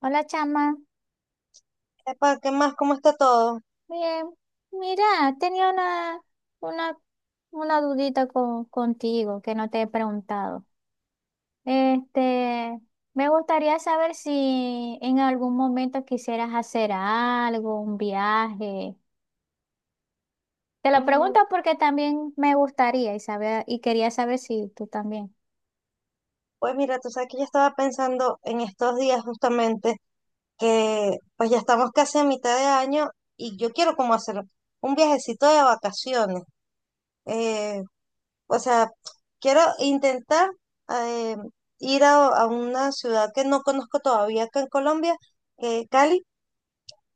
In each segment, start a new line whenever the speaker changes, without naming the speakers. Hola, chama.
Epa, ¿qué más? ¿Cómo está todo?
Bien, mira, tenía una, una dudita contigo que no te he preguntado. Este, me gustaría saber si en algún momento quisieras hacer algo, un viaje. Te lo
Mm,
pregunto porque también me gustaría y saber, y quería saber si tú también.
Pues mira, tú sabes que yo estaba pensando en estos días justamente que pues ya estamos casi a mitad de año y yo quiero como hacer un viajecito de vacaciones. Eh, o sea, quiero intentar eh, ir a una ciudad que no conozco todavía acá en Colombia, que es Cali,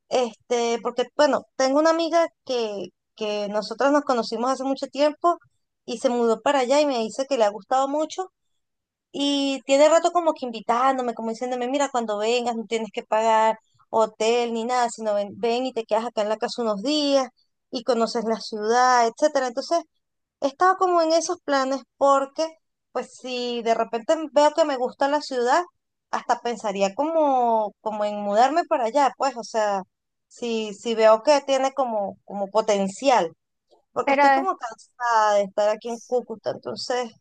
este, porque bueno, tengo una amiga que, nosotras nos conocimos hace mucho tiempo y se mudó para allá y me dice que le ha gustado mucho. Y tiene rato como que invitándome, como diciéndome, mira, cuando vengas no tienes que pagar hotel ni nada, sino ven, ven y te quedas acá en la casa unos días y conoces la ciudad, etcétera. Entonces, estaba como en esos planes porque, pues si de repente veo que me gusta la ciudad, hasta pensaría como, en mudarme para allá, pues, o sea, si veo que tiene como, potencial, porque estoy
Pero,
como cansada de estar aquí en Cúcuta, entonces...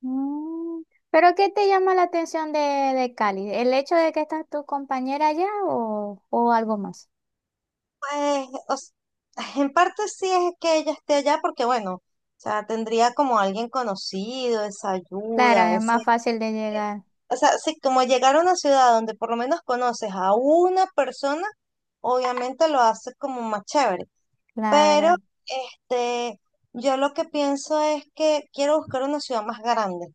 mm, ¿pero qué te llama la atención de Cali? ¿El hecho de que estás tu compañera allá o algo más?
Pues, o s- en parte sí es que ella esté allá porque, bueno, o sea, tendría como alguien conocido, esa
Claro,
ayuda,
es
ese...
más fácil de llegar.
O sea, sí, como llegar a una ciudad donde por lo menos conoces a una persona, obviamente lo hace como más chévere. Pero,
Claro.
este, yo lo que pienso es que quiero buscar una ciudad más grande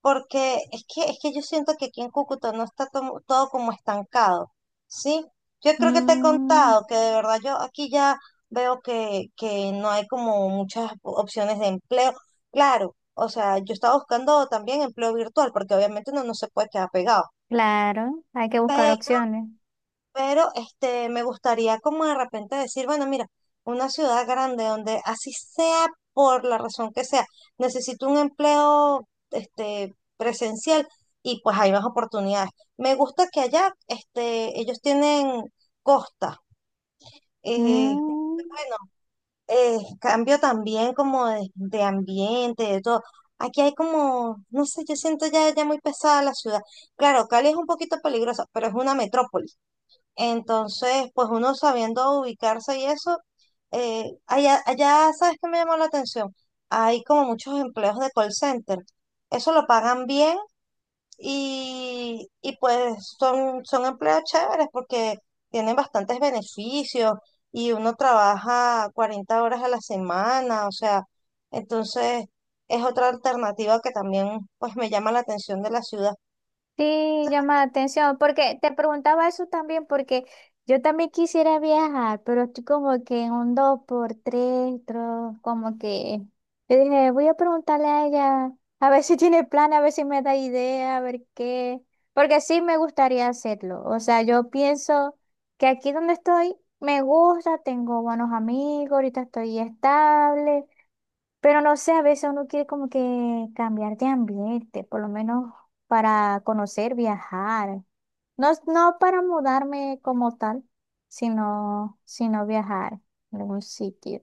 porque es que yo siento que aquí en Cúcuta no está todo como estancado, ¿sí? Yo creo que te he
Mm.
contado que de verdad yo aquí ya veo que, no hay como muchas opciones de empleo. Claro, o sea, yo estaba buscando también empleo virtual, porque obviamente uno no se puede quedar pegado.
Claro, hay que buscar opciones.
Pero este, me gustaría como de repente decir, bueno, mira, una ciudad grande donde así sea por la razón que sea, necesito un empleo este, presencial y pues hay más oportunidades. Me gusta que allá este, ellos tienen costa. Eh,
Mm.
bueno, cambio también como de, ambiente, de todo. Aquí hay como, no sé, yo siento ya, ya muy pesada la ciudad. Claro, Cali es un poquito peligrosa, pero es una metrópoli. Entonces, pues uno sabiendo ubicarse y eso, allá, ¿sabes qué me llamó la atención? Hay como muchos empleos de call center. Eso lo pagan bien y, pues son, empleos chéveres porque tienen bastantes beneficios y uno trabaja 40 horas a la semana, o sea, entonces es otra alternativa que también pues me llama la atención de la ciudad.
Sí, llama la atención, porque te preguntaba eso también, porque yo también quisiera viajar, pero estoy como que en un dos por tres, como que yo dije, voy a preguntarle a ella, a ver si tiene plan, a ver si me da idea, a ver qué, porque sí me gustaría hacerlo, o sea, yo pienso que aquí donde estoy me gusta, tengo buenos amigos, ahorita estoy estable, pero no sé, a veces uno quiere como que cambiar de ambiente, por lo menos para conocer, viajar. No, no para mudarme como tal, sino viajar en algún sitio.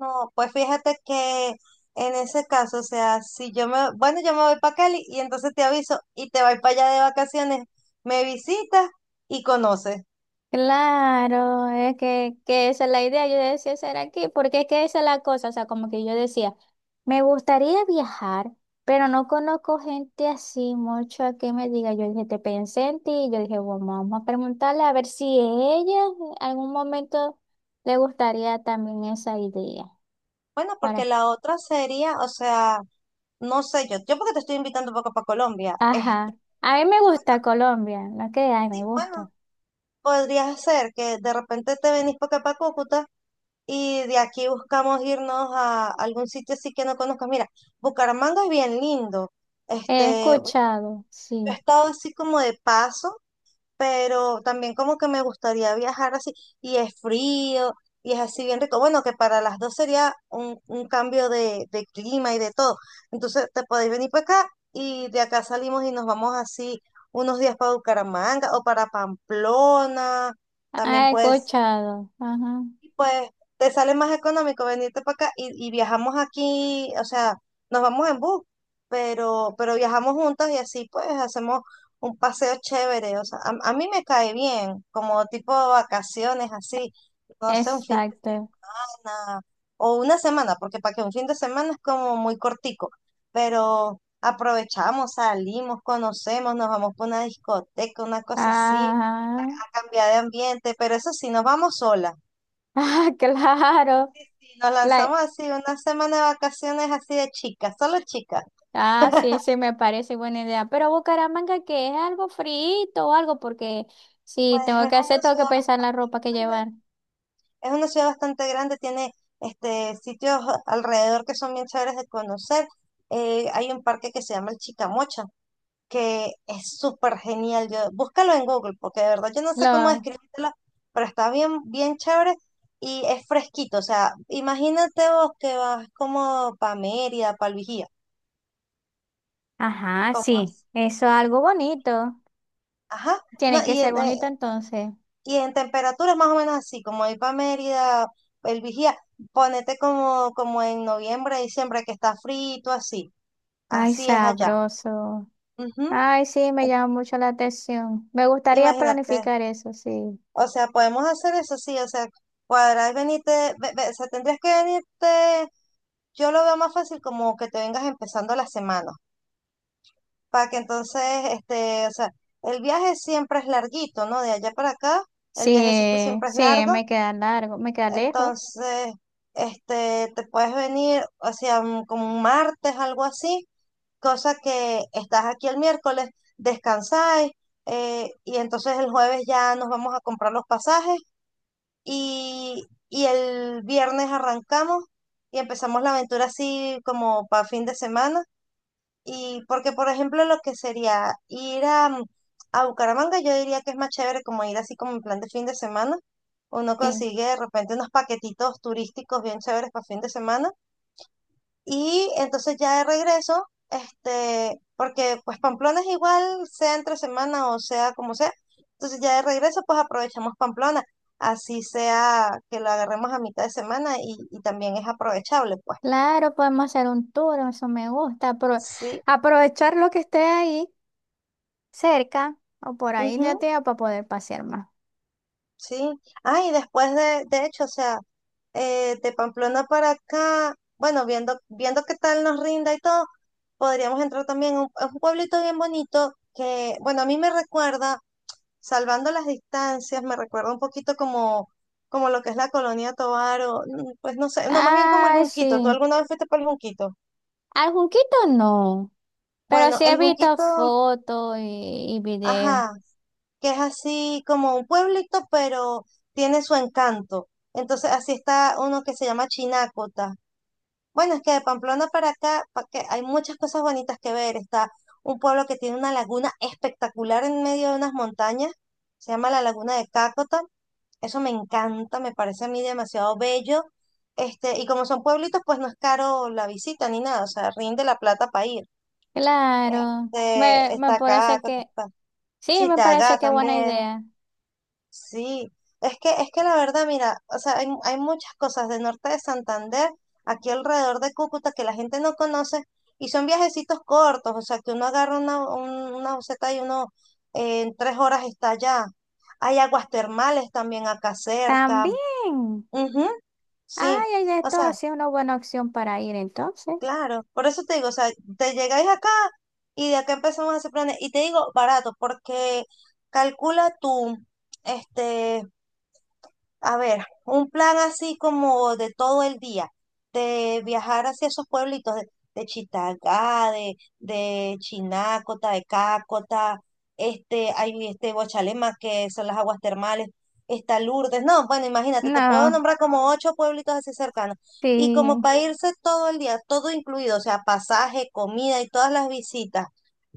No, pues fíjate que en ese caso, o sea, si yo me, bueno, yo me voy para Cali y entonces te aviso y te vas para allá de vacaciones, me visitas y conoces.
Claro, es que esa es la idea, yo decía ser aquí, porque es que esa es la cosa, o sea, como que yo decía, me gustaría viajar, pero no conozco gente así mucho a que me diga, yo dije, te pensé en ti, yo dije, bueno, vamos a preguntarle a ver si ella en algún momento le gustaría también esa idea.
Bueno, porque
Para...
la otra sería, o sea, no sé yo, yo porque te estoy invitando un poco para Colombia, este,
Ajá, a mí me
bueno,
gusta Colombia, no que, ay,
sí,
me
bueno,
gusta.
podría ser que de repente te venís para acá para Cúcuta y de aquí buscamos irnos a algún sitio así que no conozcas. Mira, Bucaramanga es bien lindo,
He
este, bueno,
escuchado,
yo he
sí,
estado así como de paso pero también como que me gustaría viajar así, y es frío, y es así bien rico. Bueno, que para las dos sería un, cambio de, clima y de todo. Entonces te podéis venir para acá y de acá salimos y nos vamos así unos días para Bucaramanga o para Pamplona. También
he
puede
escuchado, ajá,
y pues te sale más económico venirte para acá y, viajamos aquí, o sea, nos vamos en bus, pero, viajamos juntas y así pues hacemos un paseo chévere, o sea, a, mí me cae bien, como tipo de vacaciones así, no sé, un fin de
exacto.
semana o una semana, porque para que un fin de semana es como muy cortico, pero aprovechamos, salimos, conocemos, nos vamos para una discoteca, una cosa así,
Ah,
a cambiar de ambiente, pero eso sí, nos vamos solas.
ah, claro.
Sí, nos
La,
lanzamos así una semana de vacaciones así de chicas, solo chicas.
ah, sí, sí, me parece buena idea. Pero Bucaramanga, que es algo frito o algo, porque si
Pues
tengo
es
que hacer,
una
tengo que
ciudad
pensar en la ropa que llevar.
bastante, es una ciudad bastante grande, tiene este sitios alrededor que son bien chéveres de conocer. Hay un parque que se llama el Chicamocha, que es súper genial. Yo, búscalo en Google, porque de verdad yo no sé cómo
Lo,
describírtelo, pero está bien, bien chévere y es fresquito. O sea, imagínate vos que vas como para Mérida, para el Vigía,
ajá,
como
sí,
así.
eso es algo bonito.
Ajá. No,
Tiene que
y
ser
en,
bonito entonces.
Y en temperatura más o menos así, como ir para Mérida, el Vigía, ponete como, en noviembre, diciembre, que está frito, así.
Ay,
Así es allá.
sabroso.
Ujú.
Ay, sí, me llama mucho la atención. Me gustaría
Imagínate.
planificar eso, sí.
O sea, podemos hacer eso, sí. O sea, cuadrar, venirte, o sea, tendrías que venirte, yo lo veo más fácil como que te vengas empezando la semana, para que entonces, este, o sea, el viaje siempre es larguito, ¿no? De allá para acá, el viajecito
Sí,
siempre es
sí,
largo.
me queda largo, me queda lejos.
Entonces, este, te puedes venir, o sea, como un martes, algo así, cosa que estás aquí el miércoles, descansáis, y entonces el jueves ya nos vamos a comprar los pasajes y, el viernes arrancamos y empezamos la aventura así como para fin de semana. Y porque, por ejemplo, lo que sería ir a, a Bucaramanga, yo diría que es más chévere como ir así como en plan de fin de semana. Uno
Sí.
consigue de repente unos paquetitos turísticos bien chéveres para fin de semana. Y entonces ya de regreso, este, porque pues Pamplona es igual, sea entre semana o sea como sea. Entonces ya de regreso, pues aprovechamos Pamplona. Así sea que lo agarremos a mitad de semana y, también es aprovechable, pues.
Claro, podemos hacer un tour, eso me gusta.
Sí.
Aprovechar lo que esté ahí cerca o por ahí la
Ujú.
tía para poder pasear más.
Sí, ah, y después de, hecho, o sea, de Pamplona para acá, bueno, viendo, viendo qué tal nos rinda y todo, podríamos entrar también a un, pueblito bien bonito que, bueno, a mí me recuerda, salvando las distancias, me recuerda un poquito como, como lo que es la Colonia Tovar o, pues no sé, no, más bien como el
Ay, sí.
Junquito. ¿Tú alguna vez fuiste por el Junquito?
Al Junquito no, pero
Bueno,
sí
el
he visto
Junquito,
fotos y videos.
ajá, que es así como un pueblito, pero tiene su encanto. Entonces, así está uno que se llama Chinácota. Bueno, es que de Pamplona para acá, pa' que hay muchas cosas bonitas que ver. Está un pueblo que tiene una laguna espectacular en medio de unas montañas, se llama la Laguna de Cácota. Eso me encanta, me parece a mí demasiado bello. Este, y como son pueblitos, pues no es caro la visita ni nada, o sea, rinde la plata para ir.
Claro,
Este,
me
está
parece
Cácota,
que,
está
sí, me parece
Chitagá
que buena
también.
idea.
Sí, es que la verdad, mira, o sea, hay, muchas cosas del norte de Santander, aquí alrededor de Cúcuta, que la gente no conoce, y son viajecitos cortos, o sea, que uno agarra una, una buseta y uno en 3 horas está allá. Hay aguas termales también acá cerca.
También.
Ujú, sí,
Ay, hay de
o
todo,
sea,
sí, una buena opción para ir entonces.
claro, por eso te digo, o sea, te llegáis acá y de acá empezamos a hacer planes, y te digo barato, porque calcula tú, este... A ver, un plan así como de todo el día, de viajar hacia esos pueblitos de, Chitagá, de, Chinácota, de Cácota, este, hay este Guachalema, que son las aguas termales, está Lourdes, no, bueno, imagínate, te puedo
No,
nombrar como ocho pueblitos así cercanos, y como
sí.
para irse todo el día, todo incluido, o sea, pasaje, comida y todas las visitas,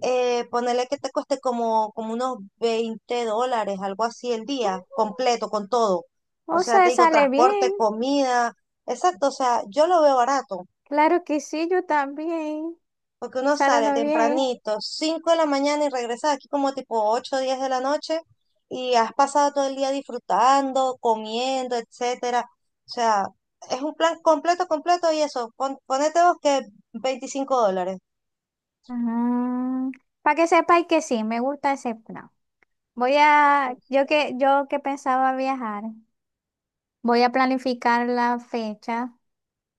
ponerle que te cueste como, unos $20, algo así el día,
Mm,
completo, con todo. O
o
sea,
sea,
te digo,
sale
transporte,
bien.
comida. Exacto, o sea, yo lo veo barato,
Claro que sí, yo también.
porque uno sale
Saludos bien.
tempranito, 5 de la mañana y regresa aquí como tipo 8, o 10 de la noche y has pasado todo el día disfrutando, comiendo, etcétera. O sea, es un plan completo, completo y eso, ponete vos que $25.
Para que sepáis que sí, me gusta ese plan. Voy a, yo que pensaba viajar, voy a planificar la fecha.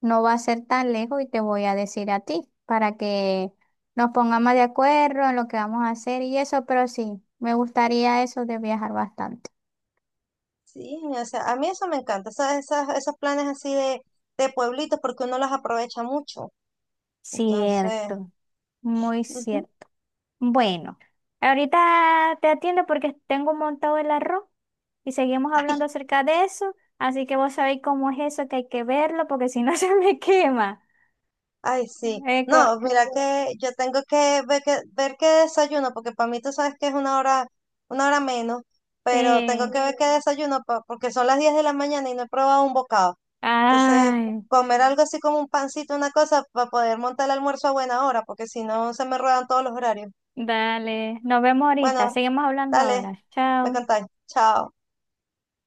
No va a ser tan lejos y te voy a decir a ti para que nos pongamos de acuerdo en lo que vamos a hacer y eso, pero sí, me gustaría eso de viajar bastante.
Sí, o sea, a mí eso me encanta, esas, esos planes así de pueblitos, porque uno los aprovecha mucho. Entonces,
Cierto, muy
ujú.
cierto. Bueno, ahorita te atiendo porque tengo montado el arroz y seguimos hablando acerca de eso, así que vos sabéis cómo es eso, que hay que verlo porque si no se me quema.
Ay, sí.
Eh, co-
No, mira que yo tengo que ver qué desayuno, porque para mí tú sabes que es una hora menos, pero tengo
eh,
que ver qué desayuno, porque son las 10 de la mañana y no he probado un bocado. Entonces,
ay,
comer algo así como un pancito, una cosa, para poder montar el almuerzo a buena hora, porque si no se me ruedan todos los horarios.
dale, nos vemos ahorita,
Bueno,
seguimos hablando
dale,
ahora.
me
Chao.
contáis. Chao.